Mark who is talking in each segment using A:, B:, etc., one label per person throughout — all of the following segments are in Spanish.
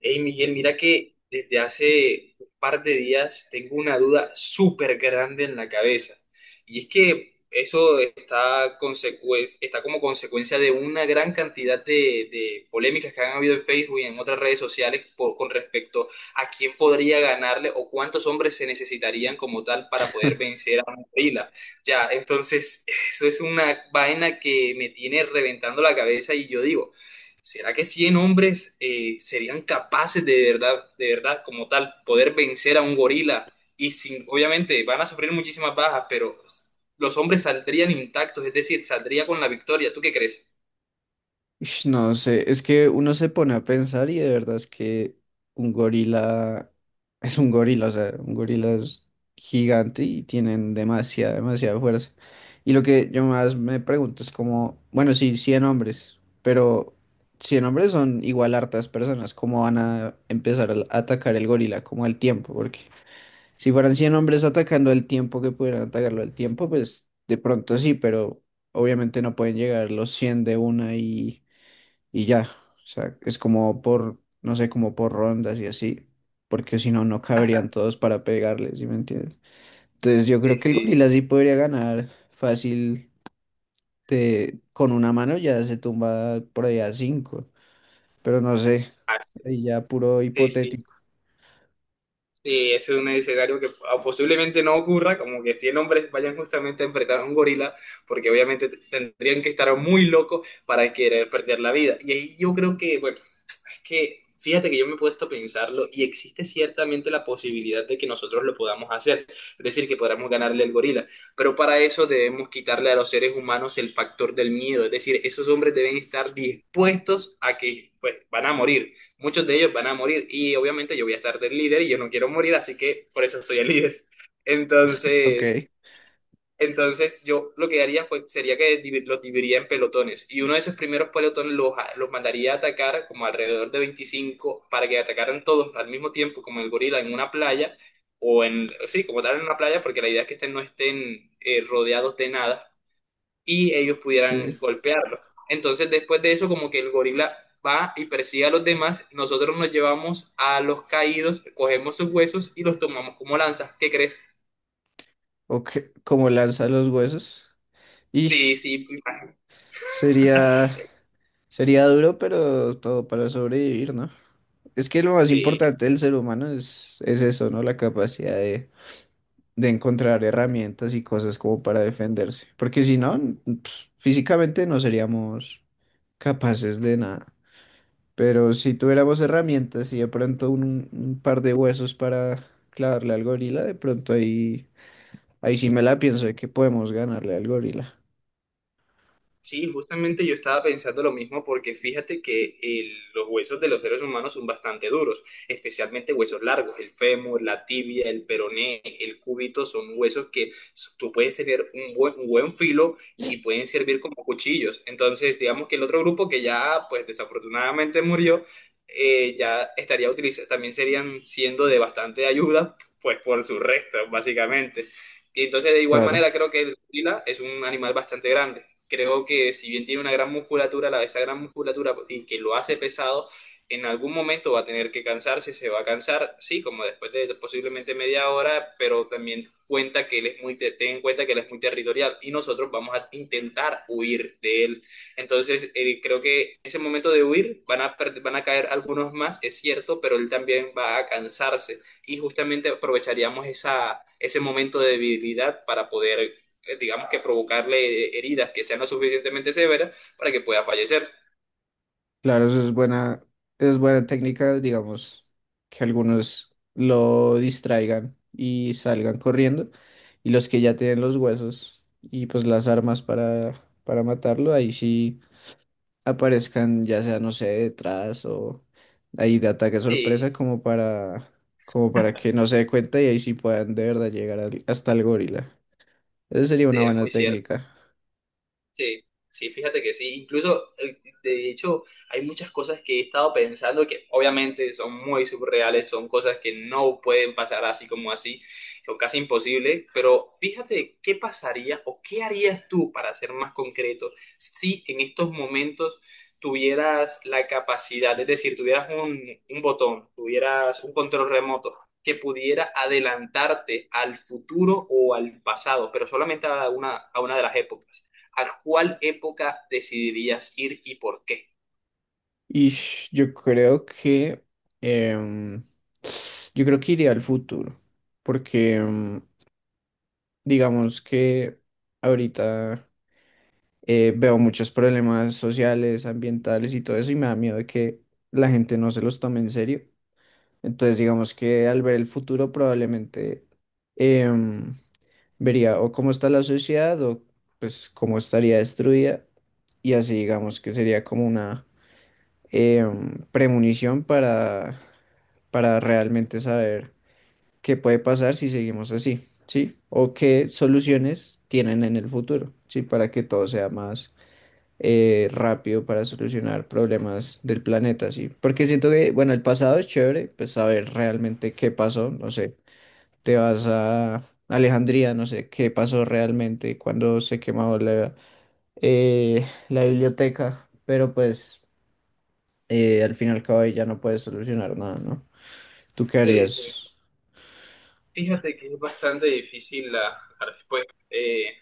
A: Hey Miguel, mira que desde hace un par de días tengo una duda súper grande en la cabeza. Y es que eso está, está como consecuencia de una gran cantidad de polémicas que han habido en Facebook y en otras redes sociales con respecto a quién podría ganarle o cuántos hombres se necesitarían como tal para poder vencer a un gorila. Ya, entonces eso es una vaina que me tiene reventando la cabeza y yo digo. ¿Será que 100 hombres serían capaces de verdad, como tal, poder vencer a un gorila? Y sin, obviamente van a sufrir muchísimas bajas, pero los hombres saldrían intactos, es decir, saldría con la victoria. ¿Tú qué crees?
B: Ush, no sé, es que uno se pone a pensar y de verdad es que un gorila es un gorila, o sea, un gorila es gigante y tienen demasiada, demasiada fuerza. Y lo que yo más me pregunto es como, bueno, sí, 100 hombres, pero 100 hombres son igual hartas personas, ¿cómo van a empezar a atacar el gorila? Como el tiempo, porque si fueran 100 hombres atacando el tiempo que pudieran atacarlo al tiempo, pues de pronto sí, pero obviamente no pueden llegar los 100 de una y ya. O sea, es como por, no sé, como por rondas y así, porque si no, no caberían todos para pegarles, ¿sí me entiendes? Entonces yo creo
A: Sí,
B: que el
A: sí.
B: gorila sí podría ganar fácil con una mano ya se tumba por ahí a cinco, pero no sé,
A: Ah,
B: ahí ya puro
A: sí, sí,
B: hipotético.
A: sí, ese es un escenario que posiblemente no ocurra, como que 100 hombres vayan justamente a enfrentar a un gorila, porque obviamente tendrían que estar muy locos para querer perder la vida. Y ahí yo creo que, bueno, es que fíjate que yo me he puesto a pensarlo y existe ciertamente la posibilidad de que nosotros lo podamos hacer, es decir, que podamos ganarle al gorila, pero para eso debemos quitarle a los seres humanos el factor del miedo, es decir, esos hombres deben estar dispuestos a que pues van a morir, muchos de ellos van a morir y obviamente yo voy a estar del líder y yo no quiero morir, así que por eso soy el líder.
B: Ok,
A: Entonces… entonces, yo lo que haría fue, sería que los dividiría en pelotones y uno de esos primeros pelotones los mandaría a atacar como alrededor de 25 para que atacaran todos al mismo tiempo, como el gorila, en una playa o en, sí, como tal en una playa, porque la idea es que estén, no estén rodeados de nada y ellos
B: sí.
A: pudieran golpearlo. Entonces, después de eso, como que el gorila va y persigue a los demás, nosotros nos llevamos a los caídos, cogemos sus huesos y los tomamos como lanzas. ¿Qué crees?
B: Ok, como lanza los huesos.
A: Sí,
B: Ish,
A: sí,
B: sería, sería duro, pero todo para sobrevivir, ¿no? Es que lo más
A: sí.
B: importante del ser humano es eso, ¿no? La capacidad de encontrar herramientas y cosas como para defenderse. Porque si no, n- pues, físicamente no seríamos capaces de nada. Pero si tuviéramos herramientas y de pronto un par de huesos para clavarle al gorila, de pronto ahí, ahí sí me la pienso de que podemos ganarle al gorila.
A: Sí, justamente yo estaba pensando lo mismo porque fíjate que los huesos de los seres humanos son bastante duros, especialmente huesos largos, el fémur, la tibia, el peroné, el cúbito, son huesos que tú puedes tener un buen filo y pueden servir como cuchillos. Entonces, digamos que el otro grupo que ya, pues desafortunadamente murió, ya estaría utilizando, también serían siendo de bastante ayuda, pues por sus restos, básicamente. Y entonces, de igual
B: Claro.
A: manera, creo que el gorila es un animal bastante grande, creo que si bien tiene una gran musculatura, la, esa gran musculatura y que lo hace pesado, en algún momento va a tener que cansarse, se va a cansar, sí, como después de posiblemente 1/2 hora, pero también cuenta que él es muy, ten en cuenta que él es muy territorial y nosotros vamos a intentar huir de él. Entonces, creo que en ese momento de huir van a, van a caer algunos más, es cierto, pero él también va a cansarse y justamente aprovecharíamos esa, ese momento de debilidad para poder digamos que provocarle heridas que sean lo suficientemente severas para que pueda fallecer.
B: Claro, eso es buena técnica, digamos, que algunos lo distraigan y salgan corriendo, y los que ya tienen los huesos y pues las armas para matarlo, ahí sí aparezcan, ya sea, no sé, detrás o ahí de ataque
A: Sí,
B: sorpresa como para que no se dé cuenta y ahí sí puedan de verdad llegar hasta el gorila. Esa sería
A: sí,
B: una
A: es
B: buena
A: muy cierto.
B: técnica.
A: Sí, sí, fíjate que sí. Incluso, de hecho, hay muchas cosas que he estado pensando que obviamente son muy surreales, son cosas que no pueden pasar así como así, son casi imposibles, pero fíjate qué pasaría o qué harías tú, para ser más concreto, si en estos momentos tuvieras la capacidad, es decir, tuvieras un botón, tuvieras un control remoto que pudiera adelantarte al futuro o al pasado, pero solamente a una de las épocas. ¿A cuál época decidirías ir y por qué?
B: Y yo creo que em, iría al futuro, porque digamos que ahorita veo muchos problemas sociales, ambientales y todo eso, y me da miedo de que la gente no se los tome en serio. Entonces, digamos que al ver el futuro probablemente em, vería o cómo está la sociedad o pues cómo estaría destruida y así digamos que sería como una eh, premonición para realmente saber qué puede pasar si seguimos así, ¿sí? O qué soluciones tienen en el futuro, ¿sí? Para que todo sea más rápido para solucionar problemas del planeta, ¿sí? Porque siento que, bueno, el pasado es chévere, pues saber realmente qué pasó, no sé, te vas a Alejandría, no sé qué pasó realmente cuando se quemó la biblioteca, pero pues al fin y al cabo ahí ya no puedes solucionar nada, ¿no? ¿Tú qué
A: Sí, sí.
B: harías?
A: Fíjate que es bastante difícil la, la respuesta.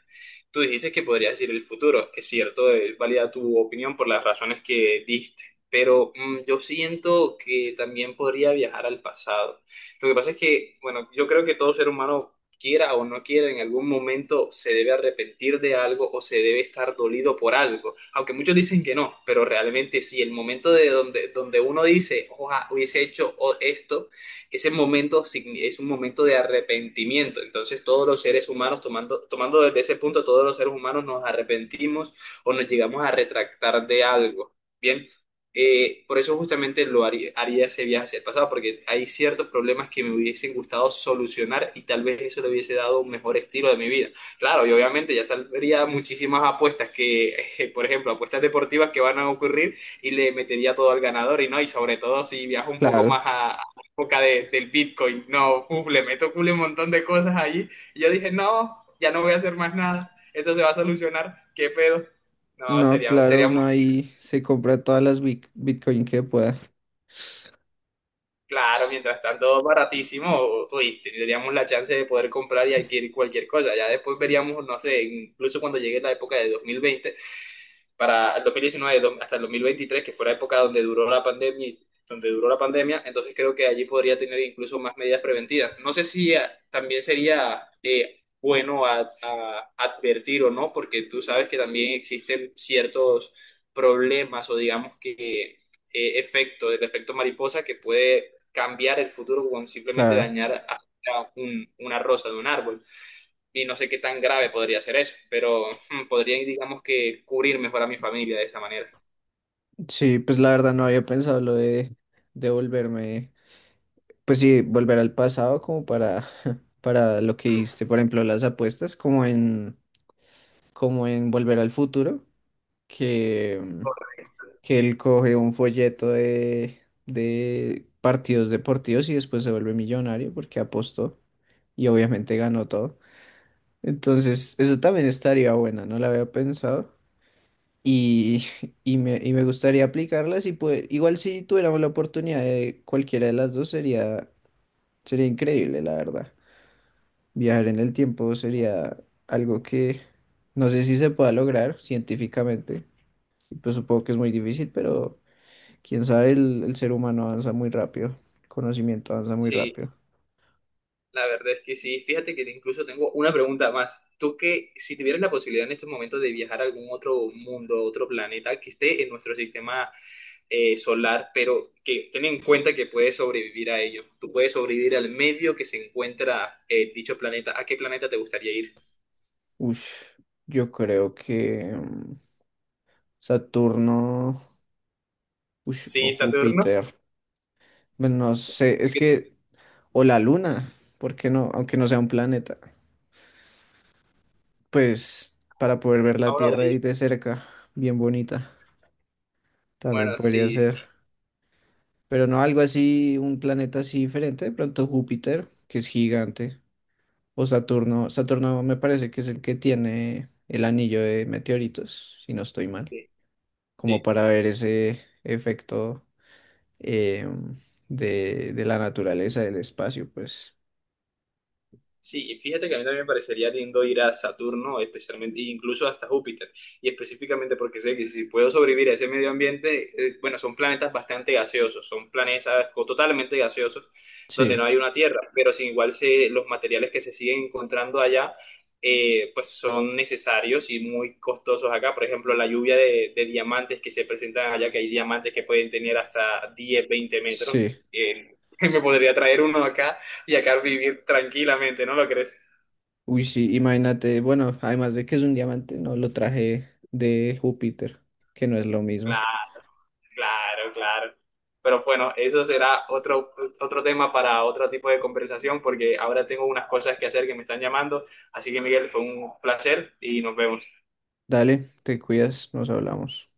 A: Tú dijiste que podrías decir el futuro. Es cierto, es válida tu opinión por las razones que diste, pero yo siento que también podría viajar al pasado. Lo que pasa es que, bueno, yo creo que todo ser humano, quiera o no quiera, en algún momento se debe arrepentir de algo o se debe estar dolido por algo. Aunque muchos dicen que no, pero realmente sí, el momento de donde, donde uno dice, ojalá hubiese hecho esto, ese momento es un momento de arrepentimiento. Entonces todos los seres humanos, tomando, tomando desde ese punto, todos los seres humanos nos arrepentimos o nos llegamos a retractar de algo. Bien, por eso justamente lo haría, haría ese viaje hacia el pasado, porque hay ciertos problemas que me hubiesen gustado solucionar y tal vez eso le hubiese dado un mejor estilo de mi vida. Claro, y obviamente ya saldría muchísimas apuestas que, por ejemplo, apuestas deportivas que van a ocurrir y le metería todo al ganador y no, y sobre todo si viajo un poco
B: Claro,
A: más época del Bitcoin. No, uf, le meto culo un montón de cosas allí. Y yo dije, no, ya no voy a hacer más nada. Esto se va a solucionar. ¿Qué pedo? No,
B: no,
A: sería,
B: claro,
A: sería muy
B: uno ahí se compra todas las Bitcoin que pueda.
A: claro. Mientras tanto, baratísimo. Uy, tendríamos la chance de poder comprar y adquirir cualquier cosa. Ya después veríamos, no sé, incluso cuando llegue la época de 2020 para el 2019 hasta el 2023, que fue la época donde duró la pandemia, donde duró la pandemia, entonces creo que allí podría tener incluso más medidas preventivas. No sé si también sería bueno advertir o no, porque tú sabes que también existen ciertos problemas o digamos que efecto, el efecto mariposa que puede cambiar el futuro con simplemente
B: Claro,
A: dañar a una rosa de un árbol y no sé qué tan grave podría ser eso, pero podría, digamos que, cubrir mejor a mi familia de esa manera.
B: sí, pues la verdad no había pensado lo de volverme, pues sí, volver al pasado como para, para lo que hiciste, por ejemplo, las apuestas, como en Volver al Futuro, que, mm, que él coge un folleto de partidos deportivos y después se vuelve millonario porque apostó. Y obviamente ganó todo. Entonces, eso también estaría bueno, no la había pensado. Y, y me gustaría aplicarlas y pues igual si tuviéramos la oportunidad de cualquiera de las dos sería, sería increíble, la verdad. Viajar en el tiempo sería algo que no sé si se pueda lograr científicamente. Y pues supongo que es muy difícil, pero quién sabe, el ser humano avanza muy rápido, el conocimiento avanza muy
A: Sí,
B: rápido.
A: la verdad es que sí. Fíjate que incluso tengo una pregunta más. Tú que si tuvieras la posibilidad en estos momentos de viajar a algún otro mundo, otro planeta que esté en nuestro sistema solar, pero que ten en cuenta que puedes sobrevivir a ello. Tú puedes sobrevivir al medio que se encuentra dicho planeta. ¿A qué planeta te gustaría ir?
B: Ush, yo creo que Saturno. Ush, o
A: Sí, Saturno,
B: Júpiter. Bueno, no sé, es que, o la Luna, ¿por qué no? Aunque no sea un planeta. Pues para poder ver
A: a
B: la
A: uno de
B: Tierra ahí
A: ellos.
B: de cerca, bien bonita, también
A: Bueno,
B: podría
A: sí,
B: ser.
A: sí,
B: Pero no algo así, un planeta así diferente, de pronto Júpiter, que es gigante, o Saturno. Saturno me parece que es el que tiene el anillo de meteoritos, si no estoy mal,
A: sí,
B: como
A: sí.
B: para ver ese efecto em, de la naturaleza, del espacio, pues
A: Sí, y fíjate que a mí también me parecería lindo ir a Saturno, especialmente, e incluso hasta Júpiter, y específicamente porque sé que si puedo sobrevivir a ese medio ambiente, bueno, son planetas bastante gaseosos, son planetas totalmente gaseosos, donde
B: sí.
A: no hay una Tierra, pero sin igual se, los materiales que se siguen encontrando allá, pues son necesarios y muy costosos acá. Por ejemplo, la lluvia de diamantes que se presentan allá, que hay diamantes que pueden tener hasta 10 20 metros.
B: Sí,
A: eh, me podría traer uno acá y acá vivir tranquilamente, ¿no lo crees?
B: uy, sí, imagínate, bueno, además de que es un diamante, no lo traje de Júpiter, que no es lo mismo.
A: Claro, claro, claro. Pero bueno, eso será otro, otro tema para otro tipo de conversación porque ahora tengo unas cosas que hacer que me están llamando. Así que Miguel, fue un placer y nos vemos.
B: Dale, te cuidas, nos hablamos.